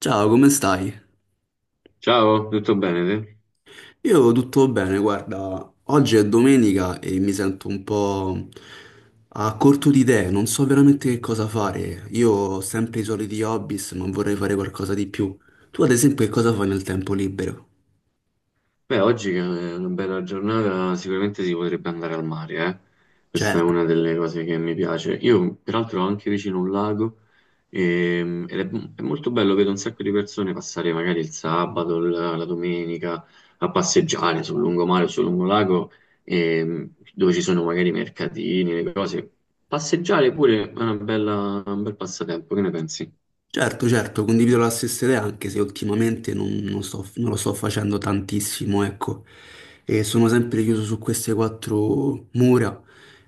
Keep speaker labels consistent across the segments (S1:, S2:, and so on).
S1: Ciao, come stai?
S2: Ciao, tutto bene te?
S1: Io tutto bene, guarda, oggi è domenica e mi sento un po' a corto di idee, non so veramente che cosa fare. Io ho sempre i soliti hobby, ma vorrei fare qualcosa di più. Tu, ad esempio, che cosa fai nel tempo libero?
S2: Beh, oggi che è una bella giornata, sicuramente si potrebbe andare al mare, eh? Questa è
S1: Cioè.
S2: una delle cose che mi piace. Io, peraltro, ho anche vicino un lago, ed è molto bello, vedo un sacco di persone passare magari il sabato, la domenica, a passeggiare sul lungomare o sul lungolago, dove ci sono magari i mercatini, le cose. Passeggiare pure è un bel passatempo, che ne pensi?
S1: Certo, certo, condivido la stessa idea, anche se ultimamente non lo sto facendo tantissimo, ecco. E sono sempre chiuso su queste quattro mura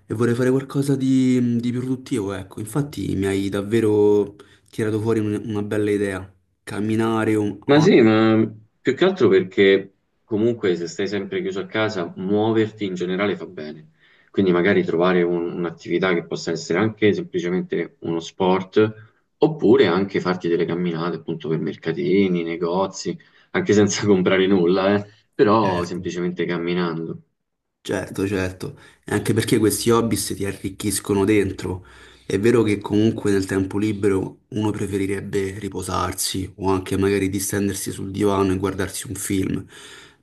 S1: e vorrei fare qualcosa di più produttivo, ecco. Infatti mi hai davvero tirato fuori una bella idea. Camminare, un...
S2: Ma sì, ma più che altro perché comunque se stai sempre chiuso a casa, muoverti in generale fa bene. Quindi magari trovare un'attività che possa essere anche semplicemente uno sport, oppure anche farti delle camminate appunto per mercatini, negozi, anche senza comprare nulla, però
S1: Certo.
S2: semplicemente camminando.
S1: Certo, certo, e anche perché questi hobby ti arricchiscono dentro. È vero che comunque nel tempo libero uno preferirebbe riposarsi o anche magari distendersi sul divano e guardarsi un film,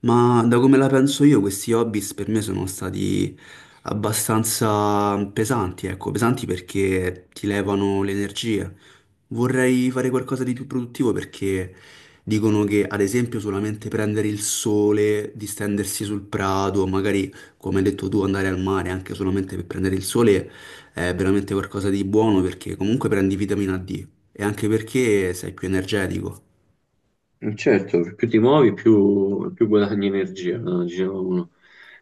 S1: ma da come la penso io questi hobby per me sono stati abbastanza pesanti, ecco, pesanti perché ti levano le energie. Vorrei fare qualcosa di più produttivo perché dicono che ad esempio solamente prendere il sole, distendersi sul prato, magari come hai detto tu, andare al mare anche solamente per prendere il sole è veramente qualcosa di buono perché comunque prendi vitamina D e anche perché sei più energetico.
S2: Certo, più ti muovi, più guadagni energia, no? Diceva uno.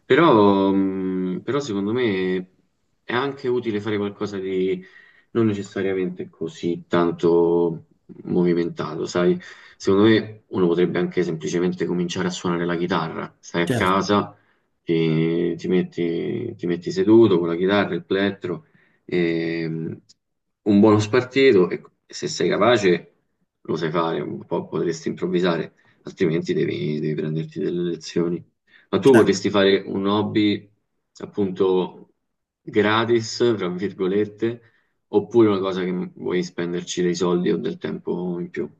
S2: Però, però secondo me è anche utile fare qualcosa di non necessariamente così tanto movimentato, sai? Secondo me uno potrebbe anche semplicemente cominciare a suonare la chitarra. Stai a
S1: Certo,
S2: casa, ti metti seduto con la chitarra, il plettro, e un buono spartito e se sei capace lo sai fare, un po' potresti improvvisare, altrimenti devi prenderti delle lezioni. Ma tu
S1: certo.
S2: vorresti fare un hobby appunto gratis, tra virgolette, oppure una cosa che vuoi spenderci dei soldi o del tempo in più.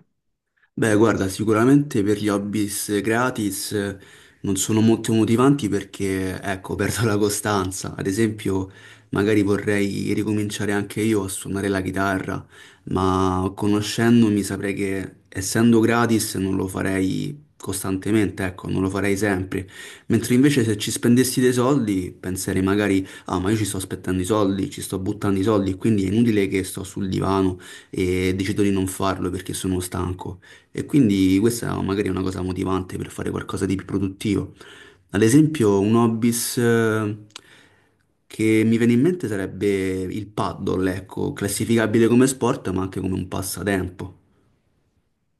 S1: Beh, guarda, sicuramente per gli hobbies gratis non sono molto motivanti perché, ecco, perdo la costanza. Ad esempio, magari vorrei ricominciare anche io a suonare la chitarra, ma conoscendomi saprei che essendo gratis non lo farei costantemente, ecco, non lo farei sempre. Mentre invece se ci spendessi dei soldi, penserei magari, ah, ma io ci sto aspettando i soldi, ci sto buttando i soldi, quindi è inutile che sto sul divano e decido di non farlo perché sono stanco. E quindi questa è magari è una cosa motivante per fare qualcosa di più produttivo. Ad esempio, un hobbies che mi viene in mente sarebbe il paddle, ecco, classificabile come sport, ma anche come un passatempo.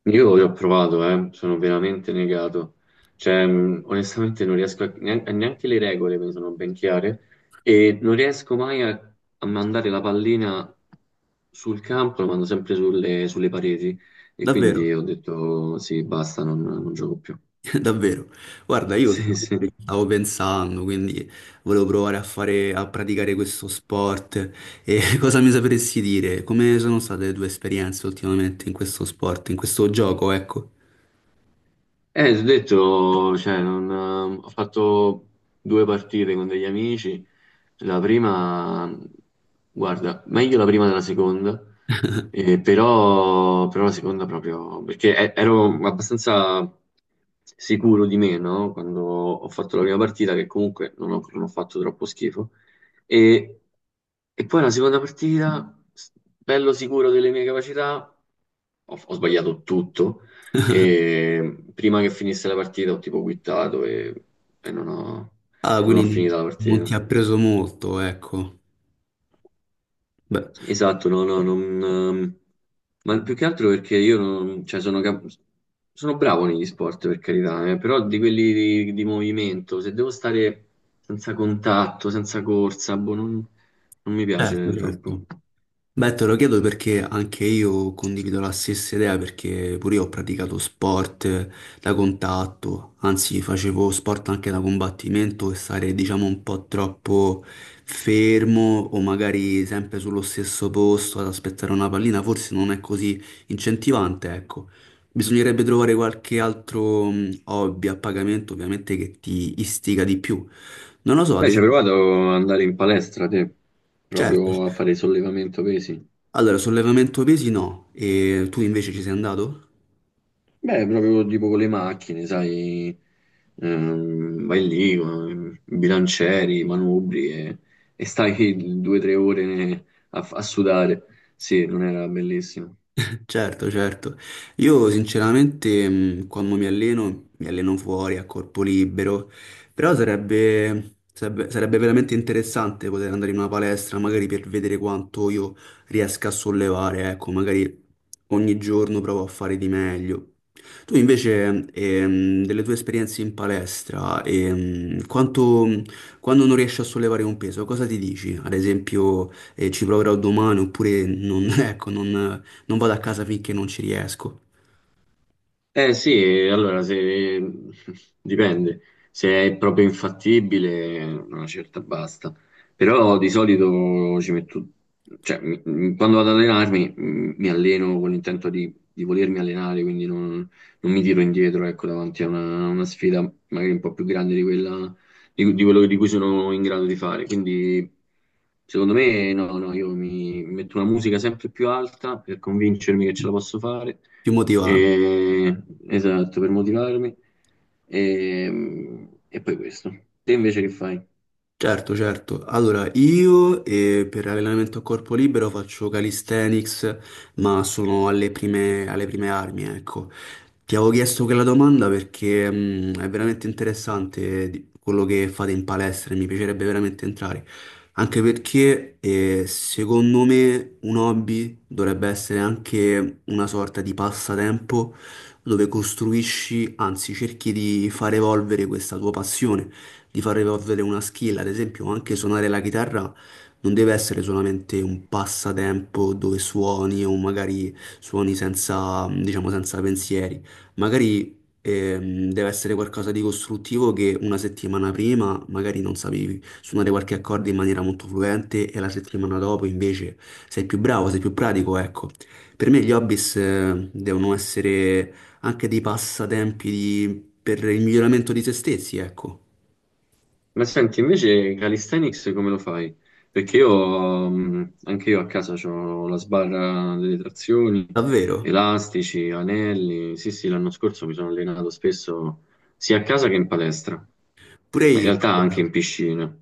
S2: Io ho provato, sono veramente negato. Cioè, onestamente non riesco neanche le regole mi sono ben chiare e non riesco mai a mandare la pallina sul campo, la mando sempre sulle pareti e quindi
S1: Davvero,
S2: ho detto sì, basta, non gioco più.
S1: davvero. Guarda, io
S2: Sì, sì.
S1: ultimamente ci stavo pensando, quindi volevo provare a fare, a praticare questo sport. E cosa mi sapresti dire? Come sono state le tue esperienze ultimamente in questo sport, in questo gioco, ecco?
S2: Ti ho detto, cioè, non, ho fatto due partite con degli amici. La prima, guarda, meglio la prima della seconda, però la seconda proprio, perché ero abbastanza sicuro di me, no? Quando ho fatto la prima partita, che comunque non ho fatto troppo schifo. E, e poi la seconda partita, bello sicuro delle mie capacità, ho sbagliato tutto e prima che finisse la partita ho tipo quittato e, e non ho,
S1: Ah,
S2: non ho
S1: quindi
S2: finito la
S1: non ti
S2: partita.
S1: ha preso molto, ecco. Beh,
S2: Esatto, no, no, non, ma più che altro perché io non, cioè, sono bravo negli sport per carità, però di quelli di movimento, se devo stare senza contatto, senza corsa, boh, non mi
S1: certo,
S2: piace troppo.
S1: certo. Beh, te lo chiedo perché anche io condivido la stessa idea, perché pure io ho praticato sport da contatto, anzi facevo sport anche da combattimento e stare diciamo un po' troppo fermo o magari sempre sullo stesso posto ad aspettare una pallina forse non è così incentivante, ecco. Bisognerebbe trovare qualche altro hobby a pagamento ovviamente che ti istiga di più. Non lo so,
S2: Beh, ci hai provato ad andare in palestra te,
S1: certo.
S2: proprio a fare sollevamento pesi.
S1: Allora, sollevamento pesi no, e tu invece ci sei andato?
S2: Beh, proprio tipo con le macchine, sai, vai lì con i bilancieri, i manubri e stai due o tre ore a sudare. Sì, non era bellissimo.
S1: Certo, certo. Io sinceramente quando mi alleno fuori a corpo libero, però sarebbe veramente interessante poter andare in una palestra, magari per vedere quanto io riesca a sollevare, ecco, magari ogni giorno provo a fare di meglio. Tu invece, delle tue esperienze in palestra, quando non riesci a sollevare un peso, cosa ti dici? Ad esempio, ci proverò domani oppure non, ecco, non, non vado a casa finché non ci riesco.
S2: Eh sì, allora se dipende, se è proprio infattibile, una certa basta. Però di solito ci metto, cioè quando vado ad allenarmi mi alleno con l'intento di volermi allenare, quindi non, non mi tiro indietro, ecco, davanti a una sfida magari un po' più grande di quella, di quello di cui sono in grado di fare. Quindi secondo me no, no, io mi metto una musica sempre più alta per convincermi che ce la posso fare,
S1: Più motivante.
S2: eh, esatto, per motivarmi. E, poi questo. Te invece che fai?
S1: Certo, certo. Allora, io per allenamento a corpo libero faccio calisthenics, ma sono alle prime armi, ecco. Ti avevo chiesto quella domanda perché è veramente interessante quello che fate in palestra e mi piacerebbe veramente entrare. Anche perché secondo me un hobby dovrebbe essere anche una sorta di passatempo dove costruisci, anzi cerchi di far evolvere questa tua passione di far evolvere una skill, ad esempio anche suonare la chitarra non deve essere solamente un passatempo dove suoni o magari suoni senza, diciamo, senza pensieri, magari deve essere qualcosa di costruttivo che una settimana prima magari non sapevi suonare qualche accordo in maniera molto fluente e la settimana dopo invece sei più bravo, sei più pratico, ecco. Per me gli hobbies devono essere anche dei passatempi per il miglioramento di se stessi, ecco.
S2: Ma senti, invece calisthenics come lo fai? Perché io, anche io a casa ho la sbarra delle trazioni,
S1: Davvero?
S2: elastici, anelli. Sì, sì, l'anno scorso mi sono allenato spesso sia a casa che in palestra,
S1: Pure
S2: ma in
S1: io.
S2: realtà anche in piscina.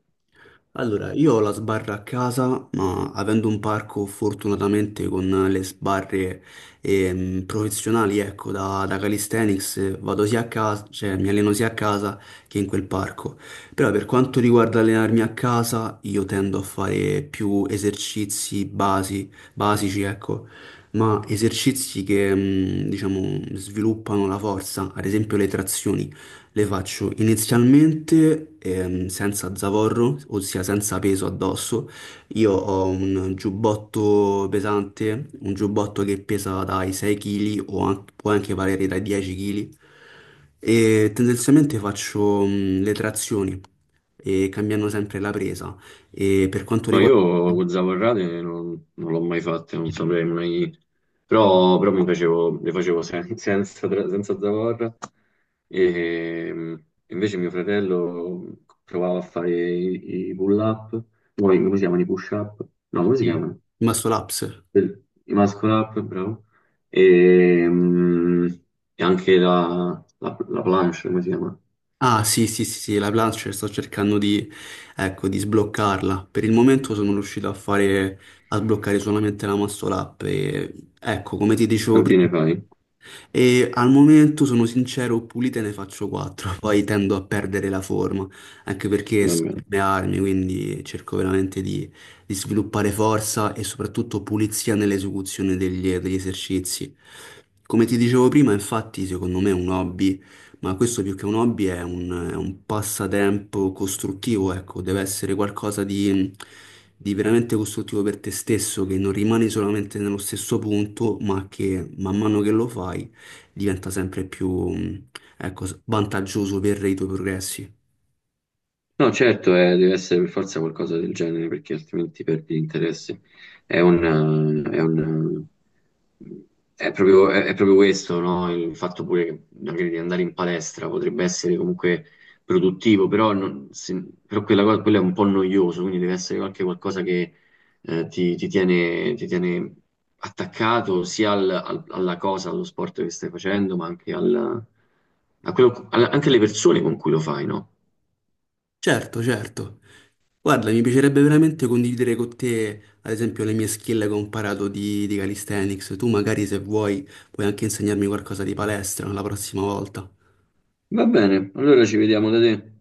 S1: Allora, io ho la sbarra a casa, ma avendo un parco fortunatamente con le sbarre professionali, ecco, da calisthenics, vado sia a casa, cioè mi alleno sia a casa che in quel parco. Però per quanto riguarda allenarmi a casa, io tendo a fare più esercizi basici, ecco, ma esercizi che, mm, diciamo, sviluppano la forza, ad esempio le trazioni. Le faccio inizialmente senza zavorro, ossia senza peso addosso. Io ho un giubbotto pesante, un giubbotto che pesa dai 6 kg o può anche valere dai 10 kg. E tendenzialmente faccio le trazioni, e cambiando sempre la presa. E per quanto
S2: Ma
S1: riguarda...
S2: io con zavorrate non l'ho mai fatte, non saprei mai, però, le facevo sen- senza, tra- senza zavorra e invece mio fratello provava a fare i pull-up, poi come si chiamano i push-up? No, come si
S1: Sì.
S2: chiamano?
S1: Il muscle ups.
S2: I muscle-up, bravo, e, mh, e anche la planche, come si chiama?
S1: Ah, sì, sì, sì, sì, la Plancher sto cercando di, ecco, di sbloccarla. Per il momento sono riuscito a fare, a sbloccare solamente la muscle up e, ecco, come ti dicevo
S2: Quanti
S1: prima,
S2: ne fai?
S1: e al momento sono sincero, pulite ne faccio quattro, poi tendo a perdere la forma, anche perché sto
S2: Vabbè.
S1: per le armi, quindi cerco veramente di sviluppare forza e soprattutto pulizia nell'esecuzione degli esercizi. Come ti dicevo prima, infatti, secondo me è un hobby, ma questo più che un hobby è è un passatempo costruttivo, ecco, deve essere qualcosa di veramente costruttivo per te stesso, che non rimani solamente nello stesso punto, ma che man mano che lo fai diventa sempre più, ecco, s- vantaggioso per i tuoi progressi.
S2: No, certo, deve essere per forza qualcosa del genere, perché altrimenti perdi l'interesse. È un, è un, eh, è proprio, è proprio questo, no? Il fatto pure che magari di andare in palestra potrebbe essere comunque produttivo, però, però quella, quello è un po' noioso, quindi deve essere qualche qualcosa che ti tiene attaccato sia alla cosa, allo sport che stai facendo, ma anche, anche alle persone con cui lo fai, no?
S1: Certo, certo. Guarda, mi piacerebbe veramente condividere con te, ad esempio, le mie skill che ho imparato di calisthenics. Tu magari se vuoi puoi anche insegnarmi qualcosa di palestra la prossima volta.
S2: Va bene, allora ci vediamo da te.